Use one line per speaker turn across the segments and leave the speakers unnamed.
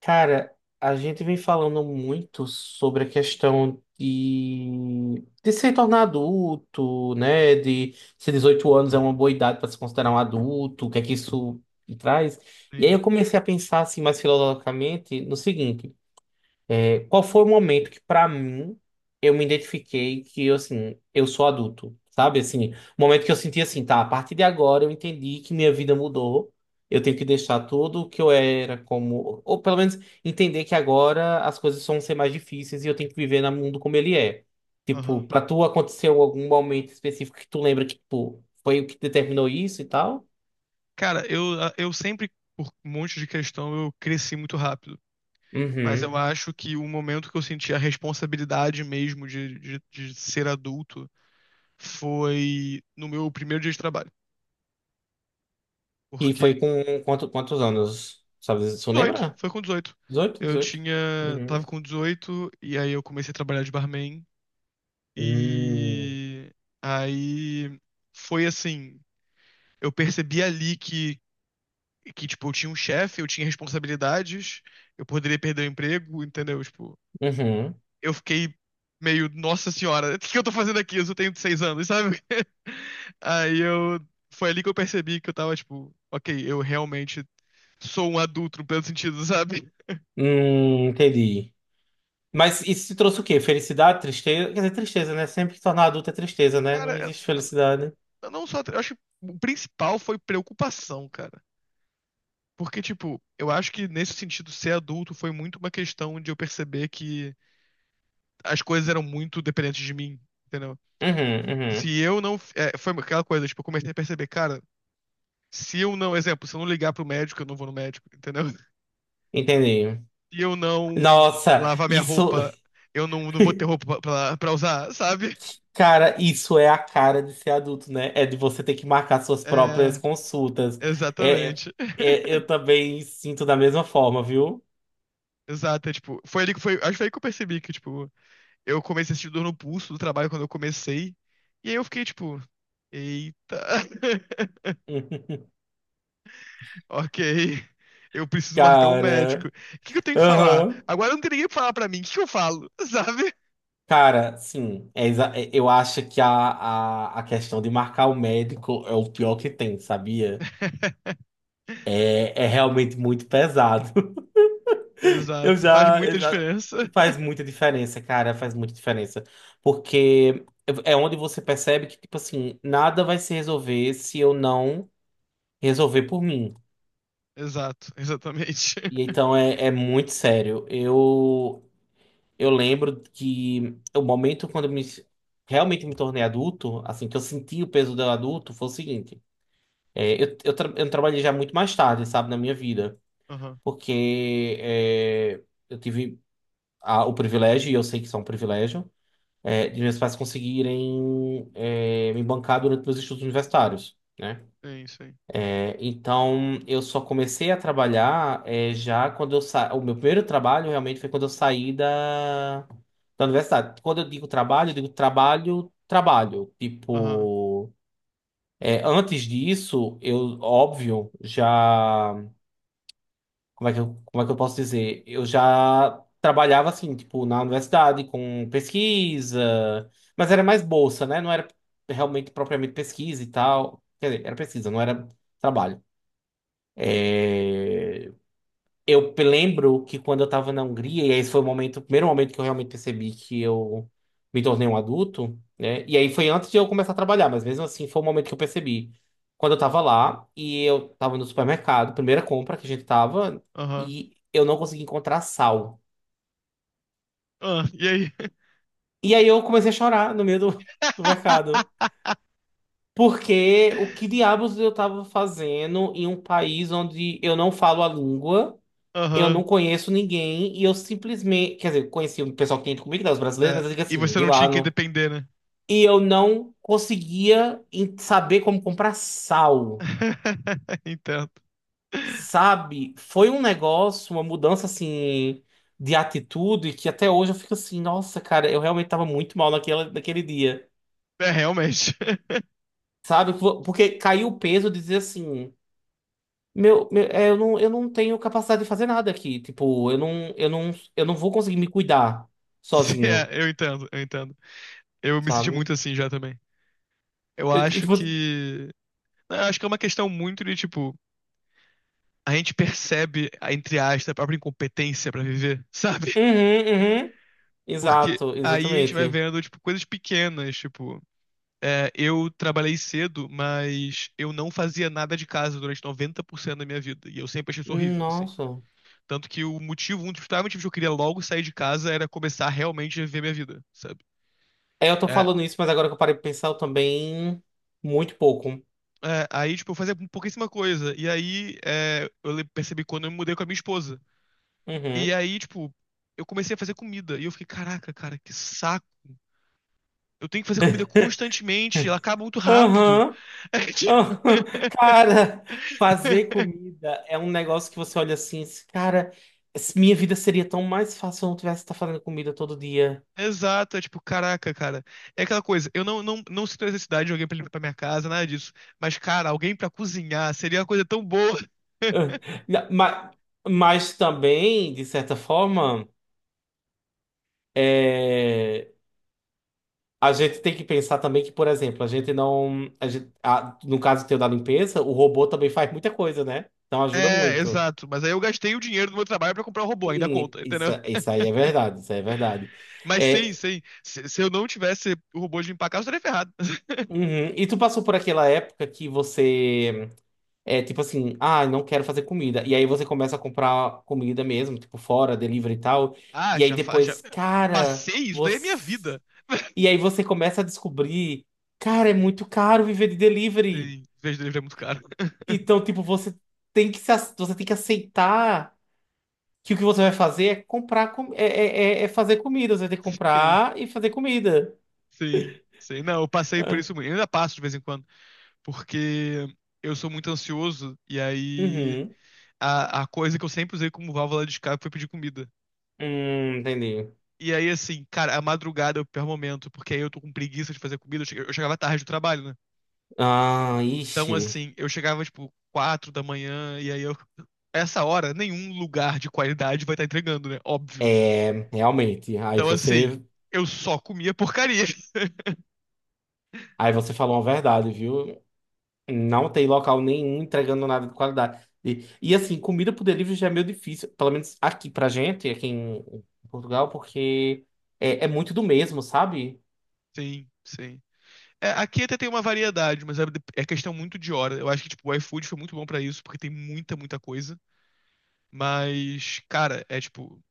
Cara, a gente vem falando muito sobre a questão de se tornar adulto, né? De se 18 anos é uma boa idade para se considerar um adulto, o que é que isso traz? E aí
Sim.
eu comecei a pensar assim mais filosoficamente no seguinte. Qual foi o momento que, pra mim, eu me identifiquei que, assim, eu sou adulto, sabe? Assim, o momento que eu senti assim, tá, a partir de agora eu entendi que minha vida mudou, eu tenho que deixar tudo o que eu era como... Ou pelo menos entender que agora as coisas vão ser mais difíceis e eu tenho que viver no mundo como ele é. Tipo,
Aham.
pra tu aconteceu algum momento específico que tu lembra que, tipo, foi o que determinou isso e tal?
Cara, eu sempre, por um monte de questão, eu cresci muito rápido. Mas eu
Uhum.
acho que o momento que eu senti a responsabilidade mesmo de ser adulto foi no meu primeiro dia de trabalho.
E
Porque
foi com quantos anos? Sabe, tu
18,
lembra?
foi com 18.
dezoito
Eu
dezoito
tinha, Tava
Uhum.
com 18 e aí eu comecei a trabalhar de barman.
Hum,
E aí foi assim, eu percebi ali que, tipo, eu tinha um chefe, eu tinha responsabilidades, eu poderia perder o emprego, entendeu? Tipo,
uhum.
eu fiquei meio, nossa senhora, o que que eu tô fazendo aqui? Eu só tenho 6 anos, sabe? Aí eu. Foi ali que eu percebi que eu tava, tipo, ok, eu realmente sou um adulto no pleno sentido, sabe?
Entendi. Mas isso te trouxe o quê? Felicidade, tristeza? Quer dizer, tristeza, né? Sempre que tornar adulto é tristeza, né?
Cara,
Não existe felicidade.
eu não só. Eu acho que o principal foi preocupação, cara. Porque, tipo, eu acho que nesse sentido, ser adulto foi muito uma questão de eu perceber que as coisas eram muito dependentes de mim, entendeu?
Uhum, uhum.
Se eu não. É, foi aquela coisa, tipo, eu comecei a perceber, cara, se eu não. Exemplo, se eu não ligar pro médico, eu não vou no médico, entendeu?
Entendi.
Se eu não
Nossa,
lavar minha
isso,
roupa, eu não, não vou ter roupa pra usar, sabe?
cara, isso é a cara de ser adulto, né? É de você ter que marcar suas próprias
É.
consultas. É, é,
Exatamente.
é, eu também sinto da mesma forma, viu?
Exato, é, tipo, foi ali que foi, acho que foi aí que eu percebi que, tipo, eu comecei a sentir dor no pulso do trabalho quando eu comecei, e aí eu fiquei, tipo, eita, ok, eu preciso marcar um médico.
Cara.
O que que eu tenho que falar?
Aham.
Agora não tem ninguém pra falar pra mim, o que que eu falo, sabe?
Cara, sim, eu acho que a questão de marcar o médico é o pior que tem, sabia? É, é realmente muito pesado. Eu
Exato. Faz
já, eu
muita
já.
diferença.
Faz muita diferença, cara, faz muita diferença. Porque é onde você percebe que, tipo assim, nada vai se resolver se eu não resolver por mim.
Exato, exatamente.
E então é muito sério. Eu lembro que o momento quando realmente me tornei adulto, assim, que eu senti o peso do adulto, foi o seguinte. Eu trabalhei já muito mais tarde, sabe, na minha vida,
Aham,
porque eu tive o privilégio, e eu sei que isso é um privilégio, de meus pais conseguirem me bancar durante meus estudos universitários, né?
sim, sim.
Então, eu só comecei a trabalhar já quando o meu primeiro trabalho realmente foi quando eu saí da universidade. Quando eu digo trabalho, trabalho.
Aham,
Tipo, antes disso, eu, óbvio, já. Como é que eu posso dizer? Eu já trabalhava assim, tipo, na universidade com pesquisa, mas era mais bolsa, né? Não era realmente propriamente pesquisa e tal. Quer dizer, era pesquisa, não era trabalho. É, eu lembro que quando eu estava na Hungria, e esse foi o momento, o primeiro momento que eu realmente percebi que eu me tornei um adulto, né? E aí foi antes de eu começar a trabalhar, mas mesmo assim foi o momento que eu percebi. Quando eu estava lá e eu estava no supermercado, primeira compra que a gente estava
aham.
e eu não consegui encontrar sal.
Ah, e aí?
E aí eu comecei a chorar no meio do mercado. Porque o que diabos eu estava fazendo em um país onde eu não falo a língua? Eu não
Aham.
conheço ninguém e eu simplesmente. Quer dizer, conheci um pessoal que tinha ido comigo, né, os brasileiros,
É,
mas eu digo
e
assim,
você
de
não
lá.
tinha quem
No
depender, né?
E eu não conseguia saber como comprar sal,
Entendo.
sabe? Foi um negócio, uma mudança assim de atitude que até hoje eu fico assim, nossa, cara, eu realmente tava muito mal naquele dia,
É, realmente.
sabe? Porque caiu o peso de dizer assim. Meu, é, eu não tenho capacidade de fazer nada aqui. Tipo, eu não vou conseguir me cuidar
Sim,
sozinho,
é, eu entendo, eu entendo. Eu me senti
sabe?
muito assim já também. Eu
Eu, e,
acho
tipo,
que. Não, eu acho que é uma questão muito de, tipo, a gente percebe, a- entre aspas, a própria incompetência pra viver, sabe?
uhum, uhum,
Porque
exato,
aí a gente vai
exatamente.
vendo, tipo, coisas pequenas, tipo, é, eu trabalhei cedo, mas eu não fazia nada de casa durante 90% da minha vida. E eu sempre achei isso horrível, assim.
Nossa.
Tanto que o motivo, um dos principais motivos que eu queria logo sair de casa era começar realmente a viver minha vida, sabe?
Eu tô
É,
falando isso, mas agora que eu parei de pensar, eu também muito pouco.
aí, tipo, eu fazia pouquíssima coisa. E aí, é, eu le- percebi quando eu me mudei com a minha esposa. E
Uhum.
aí, tipo, eu comecei a fazer comida. E eu fiquei, caraca, cara, que saco. Eu tenho que fazer comida constantemente, ela acaba muito rápido.
Aham,
É, tipo,
aham. Cara, fazer comida é um negócio que você olha assim, esse cara, minha vida seria tão mais fácil se eu não tivesse que estar fazendo comida todo dia.
exato, é tipo, caraca, cara. É aquela coisa, eu não, não, não sinto necessidade de alguém pra limpar pra minha casa, nada disso. Mas, cara, alguém pra cozinhar seria uma coisa tão boa.
Mas, mas também, de certa forma, é, a gente tem que pensar também que, por exemplo, a gente não. No caso teu da limpeza, o robô também faz muita coisa, né? Então ajuda
É,
muito.
exato. Mas aí eu gastei o dinheiro do meu trabalho pra comprar um robô, ainda
Sim,
conta,
isso,
entendeu?
isso aí é verdade, isso aí é verdade.
Mas sim,
É,
sim. Se eu não tivesse o robô de limpar a casa, eu estaria ferrado.
uhum. E tu passou por aquela época que você é tipo assim, ah, não quero fazer comida. E aí você começa a comprar comida mesmo, tipo fora, delivery e tal.
Ah,
E aí
já, fa- já
depois, cara,
passei isso, daí é minha
você.
vida.
E aí você começa a descobrir, cara, é muito caro viver de delivery.
Sim, vez delivery é muito caro.
Então, tipo, você tem que se, ac- você tem que aceitar que o que você vai fazer é comprar com, é, é, é é fazer comida. Você vai ter que
Sim,
comprar e fazer comida.
sim, sim. Não, eu passei por
Ah,
isso muito. Eu ainda passo de vez em quando, porque eu sou muito ansioso e aí
uhum.
a coisa que eu sempre usei como válvula de escape foi pedir comida.
Entendi.
E aí, assim, cara, a madrugada é o pior momento, porque aí eu tô com preguiça de fazer comida. Eu che- eu chegava tarde do trabalho, né?
Ah,
Então,
ixi.
assim, eu chegava, tipo, 4 da manhã, e aí eu. Essa hora, nenhum lugar de qualidade vai estar entregando, né? Óbvio.
É, realmente. Aí
Então,
você,
assim, eu só comia porcaria.
aí você falou uma verdade, viu? Não tem local nenhum entregando nada de qualidade. E assim, comida por delivery já é meio difícil, pelo menos aqui pra gente, aqui em Portugal, porque é muito do mesmo, sabe?
Sim, sim. É, aqui até tem uma variedade, mas é, é questão muito de hora. Eu acho que, tipo, o iFood foi muito bom pra isso, porque tem muita, muita coisa. Mas, cara, é tipo,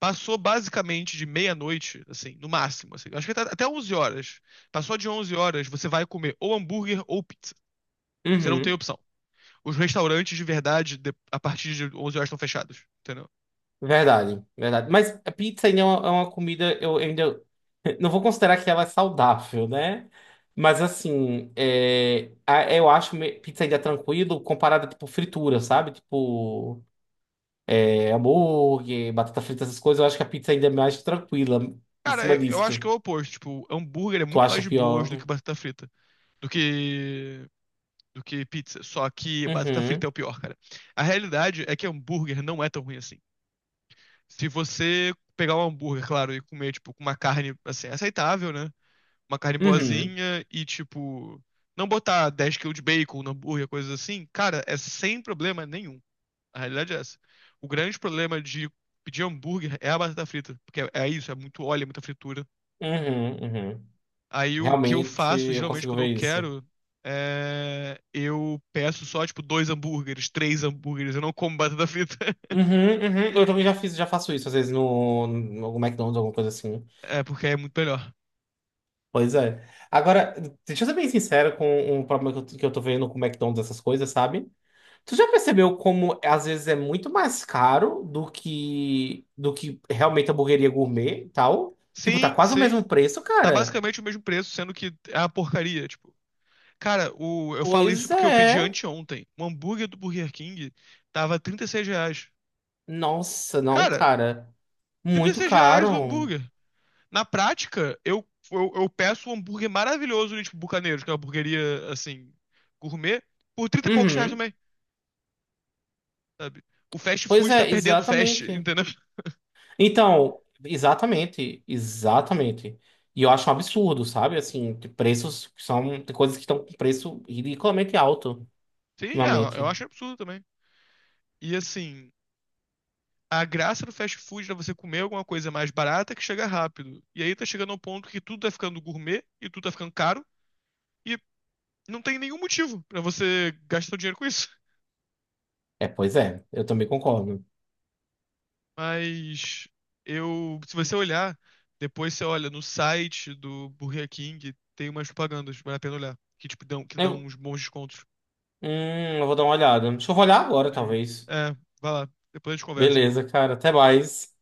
passou basicamente de meia-noite, assim, no máximo, assim. Acho que tá até 11 horas. Passou de 11 horas, você vai comer ou hambúrguer ou pizza. Você não tem
Uhum.
opção. Os restaurantes, de verdade, de- a partir de 11 horas estão fechados, entendeu?
Verdade, verdade. Mas a pizza ainda é uma, comida, eu ainda não vou considerar que ela é saudável, né? Mas assim, eu acho pizza ainda tranquilo comparada, tipo, fritura, sabe? Tipo, hambúrguer, batata frita, essas coisas, eu acho que a pizza ainda é mais tranquila em
Cara,
cima
eu acho que é
disso.
o oposto. Tipo, hambúrguer é
Tu
muito
acha
mais de boas do
pior?
que batata frita. Do que... do que pizza. Só que batata frita
Uhum,
é o pior, cara. A realidade é que hambúrguer não é tão ruim assim. Se você pegar um hambúrguer, claro, e comer, tipo, com uma carne, assim, aceitável, né? Uma carne
uhum,
boazinha e, tipo, não botar 10 quilos de bacon no hambúrguer, coisas assim, cara, é sem problema nenhum. A realidade é essa. O grande problema de pedir hambúrguer é a batata frita, porque é, é isso, é muito óleo, é muita fritura.
uhum, uhum.
Aí o que eu
Realmente,
faço,
eu
geralmente,
consigo
quando
ver
eu
isso.
quero, é... eu peço só, tipo, dois hambúrgueres, três hambúrgueres, eu não como batata frita,
Uhum, uhum. Eu também já fiz, já faço isso, às vezes, no algum McDonald's, alguma coisa assim.
é porque é muito melhor.
Pois é. Agora, deixa eu ser bem sincero com um problema que eu tô vendo com o McDonald's, essas coisas, sabe? Tu já percebeu como às vezes é muito mais caro do que realmente a hamburgueria gourmet e tal? Tipo, tá
Sim,
quase o
sim.
mesmo preço,
Tá
cara.
basicamente o mesmo preço, sendo que é uma porcaria, tipo. Cara, o, eu falo isso
Pois
porque eu pedi
é.
anteontem. O hambúrguer do Burger King tava R$ 36.
Nossa, não,
Cara,
cara.
36
Muito
reais o
caro.
hambúrguer. Na prática, eu peço um hambúrguer maravilhoso de tipo, Bucaneiros, que é uma hamburgueria, assim, gourmet, por 30 e poucos reais
Uhum.
também, sabe? O fast
Pois
food tá
é,
perdendo o fast,
exatamente.
entendeu?
Então, exatamente, exatamente. E eu acho um absurdo, sabe? Assim, de preços que são, tem coisas que estão com preço ridiculamente alto
Sim, é, eu
ultimamente.
acho absurdo também. E assim, a graça do fast food é você comer alguma coisa mais barata que chega rápido. E aí tá chegando ao ponto que tudo tá ficando gourmet e tudo tá ficando caro. E não tem nenhum motivo pra você gastar seu dinheiro com isso.
É, pois é, eu também concordo.
Mas eu, se você olhar, depois você olha no site do Burger King, tem umas propagandas, vale a pena olhar, que tipo dão, que dão
Eu,
uns bons descontos.
eu vou dar uma olhada. Deixa eu olhar agora,
Sim.
talvez.
É, vai lá, depois a gente conversa, irmão.
Beleza, cara, até mais.